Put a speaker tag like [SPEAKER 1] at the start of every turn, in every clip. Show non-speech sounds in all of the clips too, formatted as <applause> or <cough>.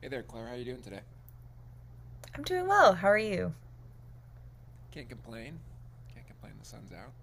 [SPEAKER 1] Hey there, Claire. How are you doing today?
[SPEAKER 2] I'm doing well. How are you?
[SPEAKER 1] Can't complain. Can't complain. The sun's out.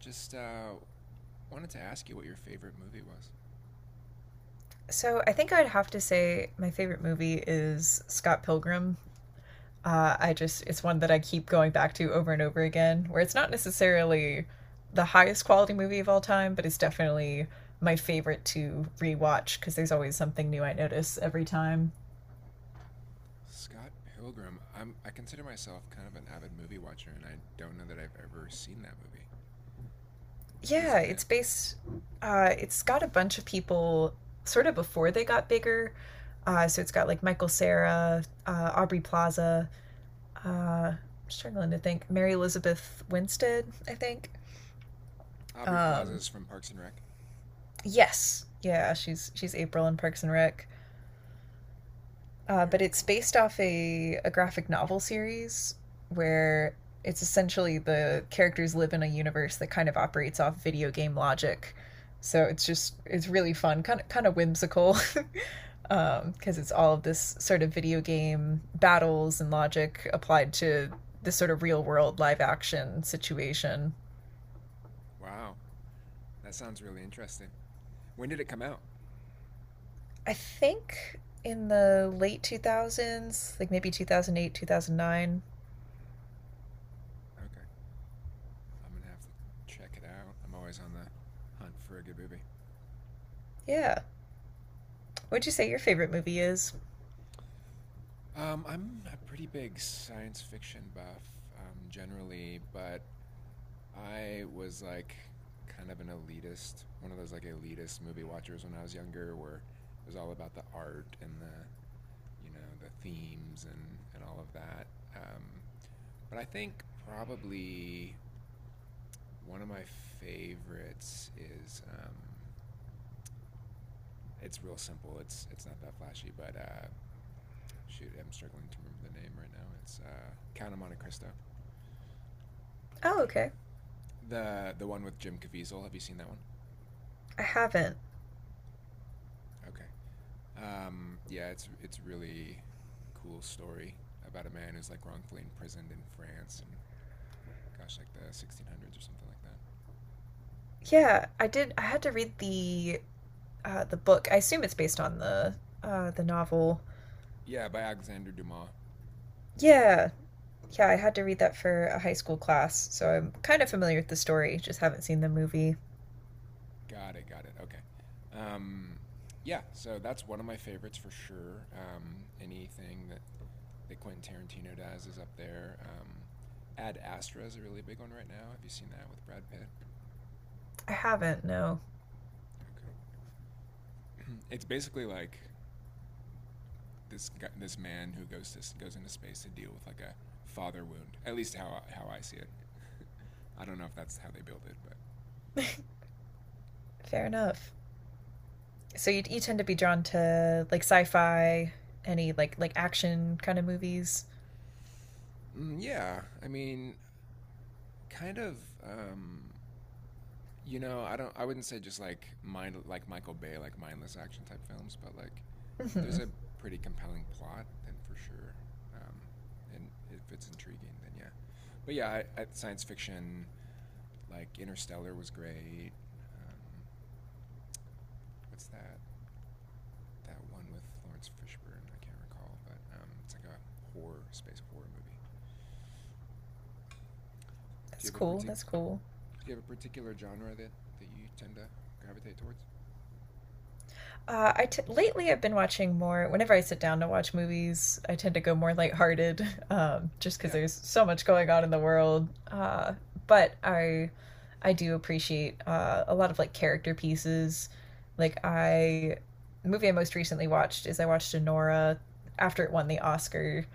[SPEAKER 1] Just wanted to ask you what your favorite movie was.
[SPEAKER 2] So I think I'd have to say my favorite movie is Scott Pilgrim. I just it's one that I keep going back to over and over again, where it's not necessarily the highest quality movie of all time, but it's definitely my favorite to rewatch because there's always something new I notice every time.
[SPEAKER 1] Scott Pilgrim. I consider myself kind of an avid movie watcher, and I don't know that I've ever seen that movie. Who's
[SPEAKER 2] Yeah,
[SPEAKER 1] in it?
[SPEAKER 2] it's based. It's got a bunch of people sort of before they got bigger. So it's got like Michael Sarah, Aubrey Plaza, uh, I'm struggling to think. Mary Elizabeth Winstead, I think.
[SPEAKER 1] Aubrey
[SPEAKER 2] Um,
[SPEAKER 1] Plaza's from Parks and Rec.
[SPEAKER 2] yes, yeah,
[SPEAKER 1] Okay.
[SPEAKER 2] she's April in Parks and Rec. But
[SPEAKER 1] Very
[SPEAKER 2] it's
[SPEAKER 1] cool.
[SPEAKER 2] based off a graphic novel series where it's essentially the characters live in a universe that kind of operates off video game logic. So it's really fun, kind of whimsical, <laughs> because it's all of this sort of video game battles and logic applied to this sort of real world live action situation.
[SPEAKER 1] Wow. That sounds really interesting. When did it come out?
[SPEAKER 2] I think in the late 2000s, like maybe 2008, 2009.
[SPEAKER 1] Okay. I'm gonna have to check it out. I'm always on the hunt for a good movie.
[SPEAKER 2] Yeah. What'd you say your favorite movie is?
[SPEAKER 1] I'm a pretty big science fiction buff, generally, but I was like kind of an elitist, one of those like elitist movie watchers when I was younger, where it was all about the art and the, you know, the themes and all of that. Um, but I think probably one of my favorites is it's real simple. It's not that flashy, but shoot, I'm struggling to remember the name right now. It's Count of Monte Cristo.
[SPEAKER 2] Oh, okay.
[SPEAKER 1] The one with Jim Caviezel. Have you seen that one?
[SPEAKER 2] I haven't.
[SPEAKER 1] Okay. Yeah, it's really cool story about a man who's like wrongfully imprisoned in France and gosh, like the 1600s or something like that.
[SPEAKER 2] Yeah, I did. I had to read the book. I assume it's based on the novel.
[SPEAKER 1] Yeah, by Alexandre Dumas.
[SPEAKER 2] Yeah, yeah. I had to read that for a high school class, so I'm kind of familiar with the story. Just haven't seen the movie.
[SPEAKER 1] Got it. Got it. Okay. Um, yeah, so that's one of my favorites for sure. Anything that Quentin Tarantino does is up there. Ad Astra is a really big one right now. Have you seen that with Brad Pitt?
[SPEAKER 2] I haven't. No.
[SPEAKER 1] Okay. <clears throat> it's basically like this guy, this man who goes into space to deal with like a father wound. At least how I see it. I don't know if that's how they build it, but
[SPEAKER 2] <laughs> Fair enough. So you tend to be drawn to like sci-fi, any like action kind of movies.
[SPEAKER 1] mm, yeah, I mean, kind of. You know, I don't. I wouldn't say just like mind like Michael Bay, like mindless action type films, but like if there's
[SPEAKER 2] Hmm.
[SPEAKER 1] a pretty compelling plot, then for sure. Um, and if it's intriguing, then yeah. But yeah, science fiction like Interstellar was great. Um, what's that? That one with Lawrence Fishburne. I can't recall, but it's like a horror space horror movie. Do
[SPEAKER 2] That's
[SPEAKER 1] you have a
[SPEAKER 2] cool. That's cool.
[SPEAKER 1] Do you have a particular genre that you tend to gravitate towards?
[SPEAKER 2] Lately I've been watching more. Whenever I sit down to watch movies, I tend to go more lighthearted, <laughs> just because
[SPEAKER 1] Yeah,
[SPEAKER 2] there's so much going on in the world. But I, I do appreciate a lot of like character pieces. Like I, the movie I most recently watched is I watched Anora after it won the Oscar,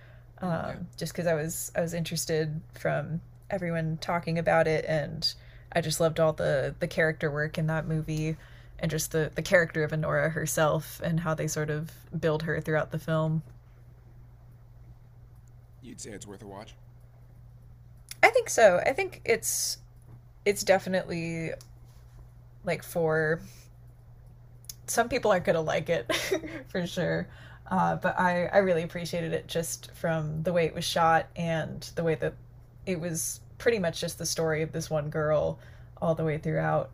[SPEAKER 1] mm, yeah.
[SPEAKER 2] just because I was interested from everyone talking about it, and I just loved all the character work in that movie. And just the character of Honora herself and how they sort of build her throughout the film.
[SPEAKER 1] You'd say it's worth a watch,
[SPEAKER 2] I think so. I think it's definitely like for some people aren't gonna like it <laughs> for sure. I really appreciated it just from the way it was shot and the way that it was pretty much just the story of this one girl all the way throughout.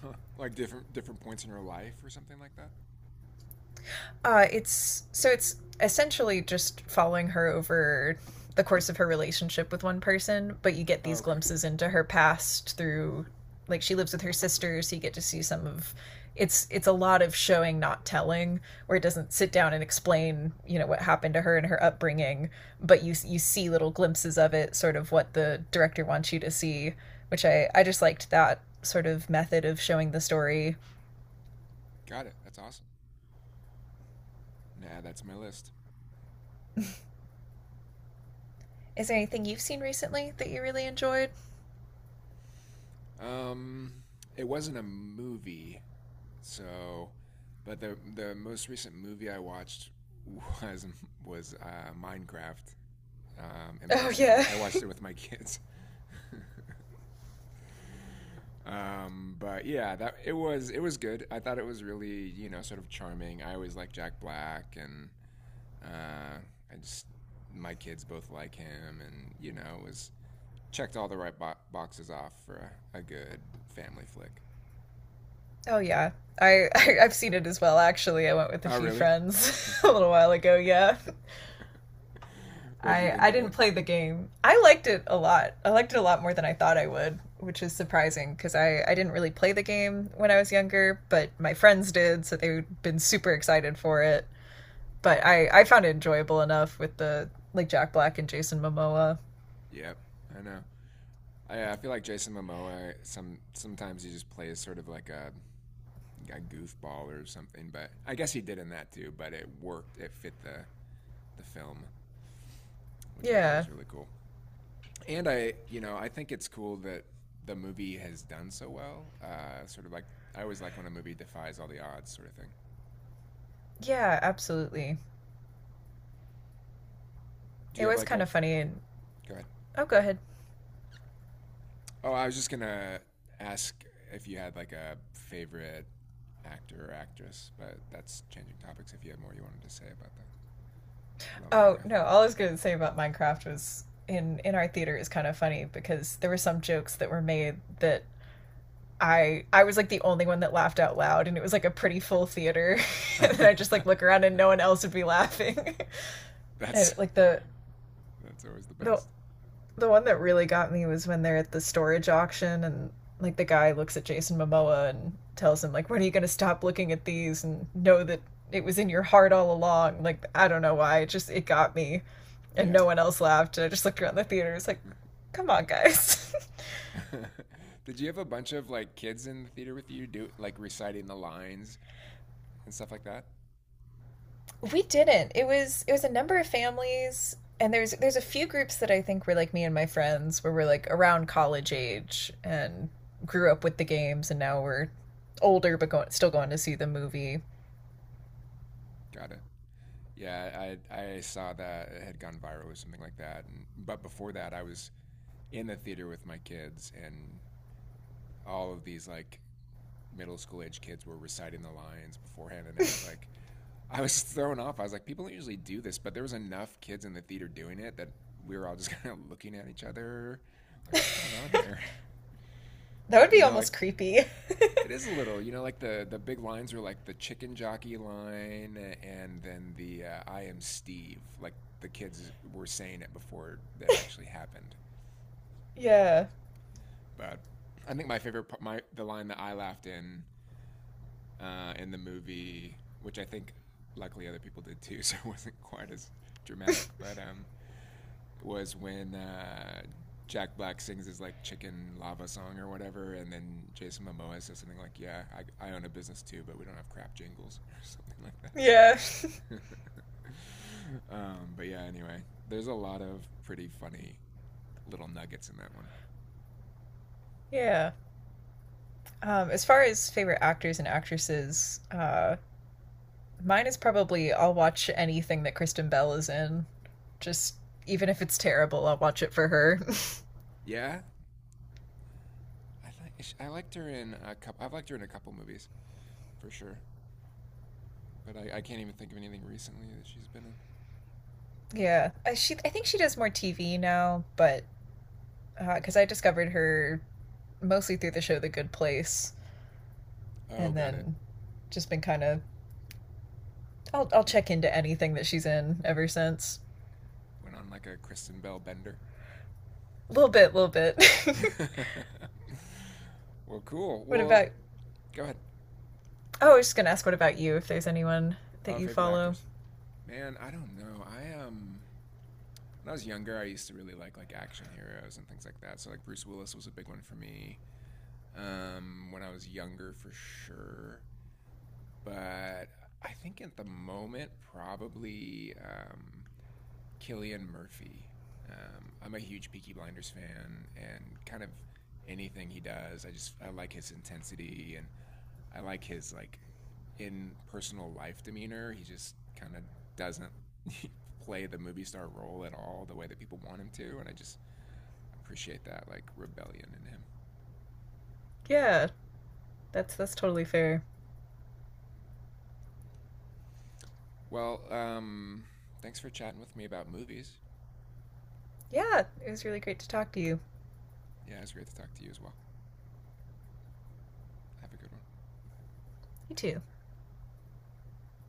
[SPEAKER 1] huh? Like different different points in your life or something like that.
[SPEAKER 2] It's so it's essentially just following her over the course of her relationship with one person, but you get
[SPEAKER 1] Oh,
[SPEAKER 2] these
[SPEAKER 1] okay,
[SPEAKER 2] glimpses into her past through like she lives with her sister, so you get to see some of it's a lot of showing not telling, where it doesn't sit down and explain you know what happened to her and her upbringing. But you see little glimpses of it, sort of what the director wants you to see, which I just liked that sort of method of showing the story.
[SPEAKER 1] got it. That's awesome. Nah, that's my list.
[SPEAKER 2] Is there anything you've seen recently that you really enjoyed?
[SPEAKER 1] Um, it wasn't a movie, so, but the most recent movie I watched <laughs> was was Minecraft,
[SPEAKER 2] Oh
[SPEAKER 1] embarrassingly.
[SPEAKER 2] yeah.
[SPEAKER 1] I watched it with my kids. <laughs> But yeah, that it was good. I thought it was really, you know, sort of charming. I always like Jack Black, and uh, I just my kids both like him, and you know it was checked all the right boxes off for a good family flick.
[SPEAKER 2] Oh yeah. I've seen it as well actually. I went with a
[SPEAKER 1] Oh
[SPEAKER 2] few
[SPEAKER 1] really?
[SPEAKER 2] friends <laughs> a little while ago, yeah.
[SPEAKER 1] <laughs> What'd you think
[SPEAKER 2] I
[SPEAKER 1] of
[SPEAKER 2] didn't
[SPEAKER 1] it?
[SPEAKER 2] play the game. I liked it a lot. I liked it a lot more than I thought I would, which is surprising because I didn't really play the game when I was younger, but my friends did, so they've been super excited for it. But I found it enjoyable enough with the like Jack Black and Jason Momoa.
[SPEAKER 1] Yep, I know. I feel like Jason Momoa. Sometimes he just plays sort of like a goofball or something. But I guess he did in that too. But it worked. It fit the film, which I thought
[SPEAKER 2] Yeah.
[SPEAKER 1] was really cool. And I, you know, I think it's cool that the movie has done so well. Sort of like I always like when a movie defies all the odds, sort of thing.
[SPEAKER 2] Yeah, absolutely.
[SPEAKER 1] Do
[SPEAKER 2] It
[SPEAKER 1] you have
[SPEAKER 2] was
[SPEAKER 1] like
[SPEAKER 2] kind
[SPEAKER 1] a?
[SPEAKER 2] of funny and.
[SPEAKER 1] Go ahead.
[SPEAKER 2] Oh, go ahead.
[SPEAKER 1] Oh, I was just gonna ask if you had like a favorite actor or actress, but that's changing topics. If you had more you wanted to say about that about
[SPEAKER 2] Oh no! All I was going to say about Minecraft was in our theater is kind of funny because there were some jokes that were made that I was like the only one that laughed out loud, and it was like a pretty full theater. <laughs> And I just
[SPEAKER 1] Minecraft,
[SPEAKER 2] like look around and no one else would be laughing.
[SPEAKER 1] <laughs>
[SPEAKER 2] <laughs>
[SPEAKER 1] that's
[SPEAKER 2] And like the
[SPEAKER 1] that's always the
[SPEAKER 2] the
[SPEAKER 1] best.
[SPEAKER 2] the one that really got me was when they're at the storage auction, and like the guy looks at Jason Momoa and tells him, like, when are you going to stop looking at these and know that it was in your heart all along. Like I don't know why, it just it got me, and
[SPEAKER 1] Yeah.
[SPEAKER 2] no one else laughed, and I just looked around the theater, it's like, come on guys.
[SPEAKER 1] <laughs> Did you have a bunch of like kids in the theater with you do like reciting the lines and stuff like that?
[SPEAKER 2] <laughs> We didn't, it was a number of families, and there's a few groups that I think were like me and my friends, where we're like around college age and grew up with the games, and now we're older but going, still going to see the movie.
[SPEAKER 1] Got it. Yeah, I saw that it had gone viral or something like that. And but before that, I was in the theater with my kids, and all of these like middle school age kids were reciting the lines beforehand, and it was like I was <laughs> thrown off. I was like, people don't usually do this, but there was enough kids in the theater doing it that we were all just <laughs> kind of looking at each other, like, what's going on here?
[SPEAKER 2] That would
[SPEAKER 1] You
[SPEAKER 2] be
[SPEAKER 1] know, like
[SPEAKER 2] almost creepy.
[SPEAKER 1] it is a little, you know, like the big lines are like the chicken jockey line, and then the "I am Steve." Like the kids were saying it before that actually happened.
[SPEAKER 2] <laughs> Yeah.
[SPEAKER 1] But I think my favorite part, my the line that I laughed in the movie, which I think luckily other people did too, <laughs> so it wasn't quite as dramatic. But was when Jack Black sings his like chicken lava song or whatever, and then Jason Momoa says something like, "Yeah, I own a business too, but we don't have crap jingles <laughs> or something
[SPEAKER 2] Yeah.
[SPEAKER 1] like that." <laughs> But yeah, anyway, there's a lot of pretty funny little nuggets in that one.
[SPEAKER 2] Yeah. As far as favorite actors and actresses, mine is probably I'll watch anything that Kristen Bell is in. Just even if it's terrible, I'll watch it for her.
[SPEAKER 1] Yeah, I like I liked her in a couple. I've liked her in a couple movies for sure, but I can't even think of anything recently that she's been in.
[SPEAKER 2] <laughs> Yeah, she I think she does more TV now, but because I discovered her mostly through the show The Good Place,
[SPEAKER 1] Oh,
[SPEAKER 2] and
[SPEAKER 1] got it.
[SPEAKER 2] then just been kind of I'll check into anything that she's in ever since.
[SPEAKER 1] Went on like a Kristen Bell bender.
[SPEAKER 2] A little bit, a little bit. <laughs>
[SPEAKER 1] <laughs> well, cool.
[SPEAKER 2] What
[SPEAKER 1] Well,
[SPEAKER 2] about—
[SPEAKER 1] go ahead.
[SPEAKER 2] Oh, I was just gonna ask, what about you, if there's anyone that
[SPEAKER 1] Oh,
[SPEAKER 2] you
[SPEAKER 1] favorite
[SPEAKER 2] follow.
[SPEAKER 1] actors? Man, I don't know. I when I was younger, I used to really like action heroes and things like that. So like Bruce Willis was a big one for me. When I was younger, for sure. But I think at the moment, probably Killian Murphy. I'm a huge Peaky Blinders fan, and kind of anything he does, I just I like his intensity and I like his like in personal life demeanor. He just kind of doesn't <laughs> play the movie star role at all the way that people want him to. And I just appreciate that like rebellion in him.
[SPEAKER 2] Yeah, that's totally fair.
[SPEAKER 1] Well, thanks for chatting with me about movies.
[SPEAKER 2] Yeah, it was really great to talk to you.
[SPEAKER 1] Yeah, it's great to talk to you as well. Have a good one.
[SPEAKER 2] You too.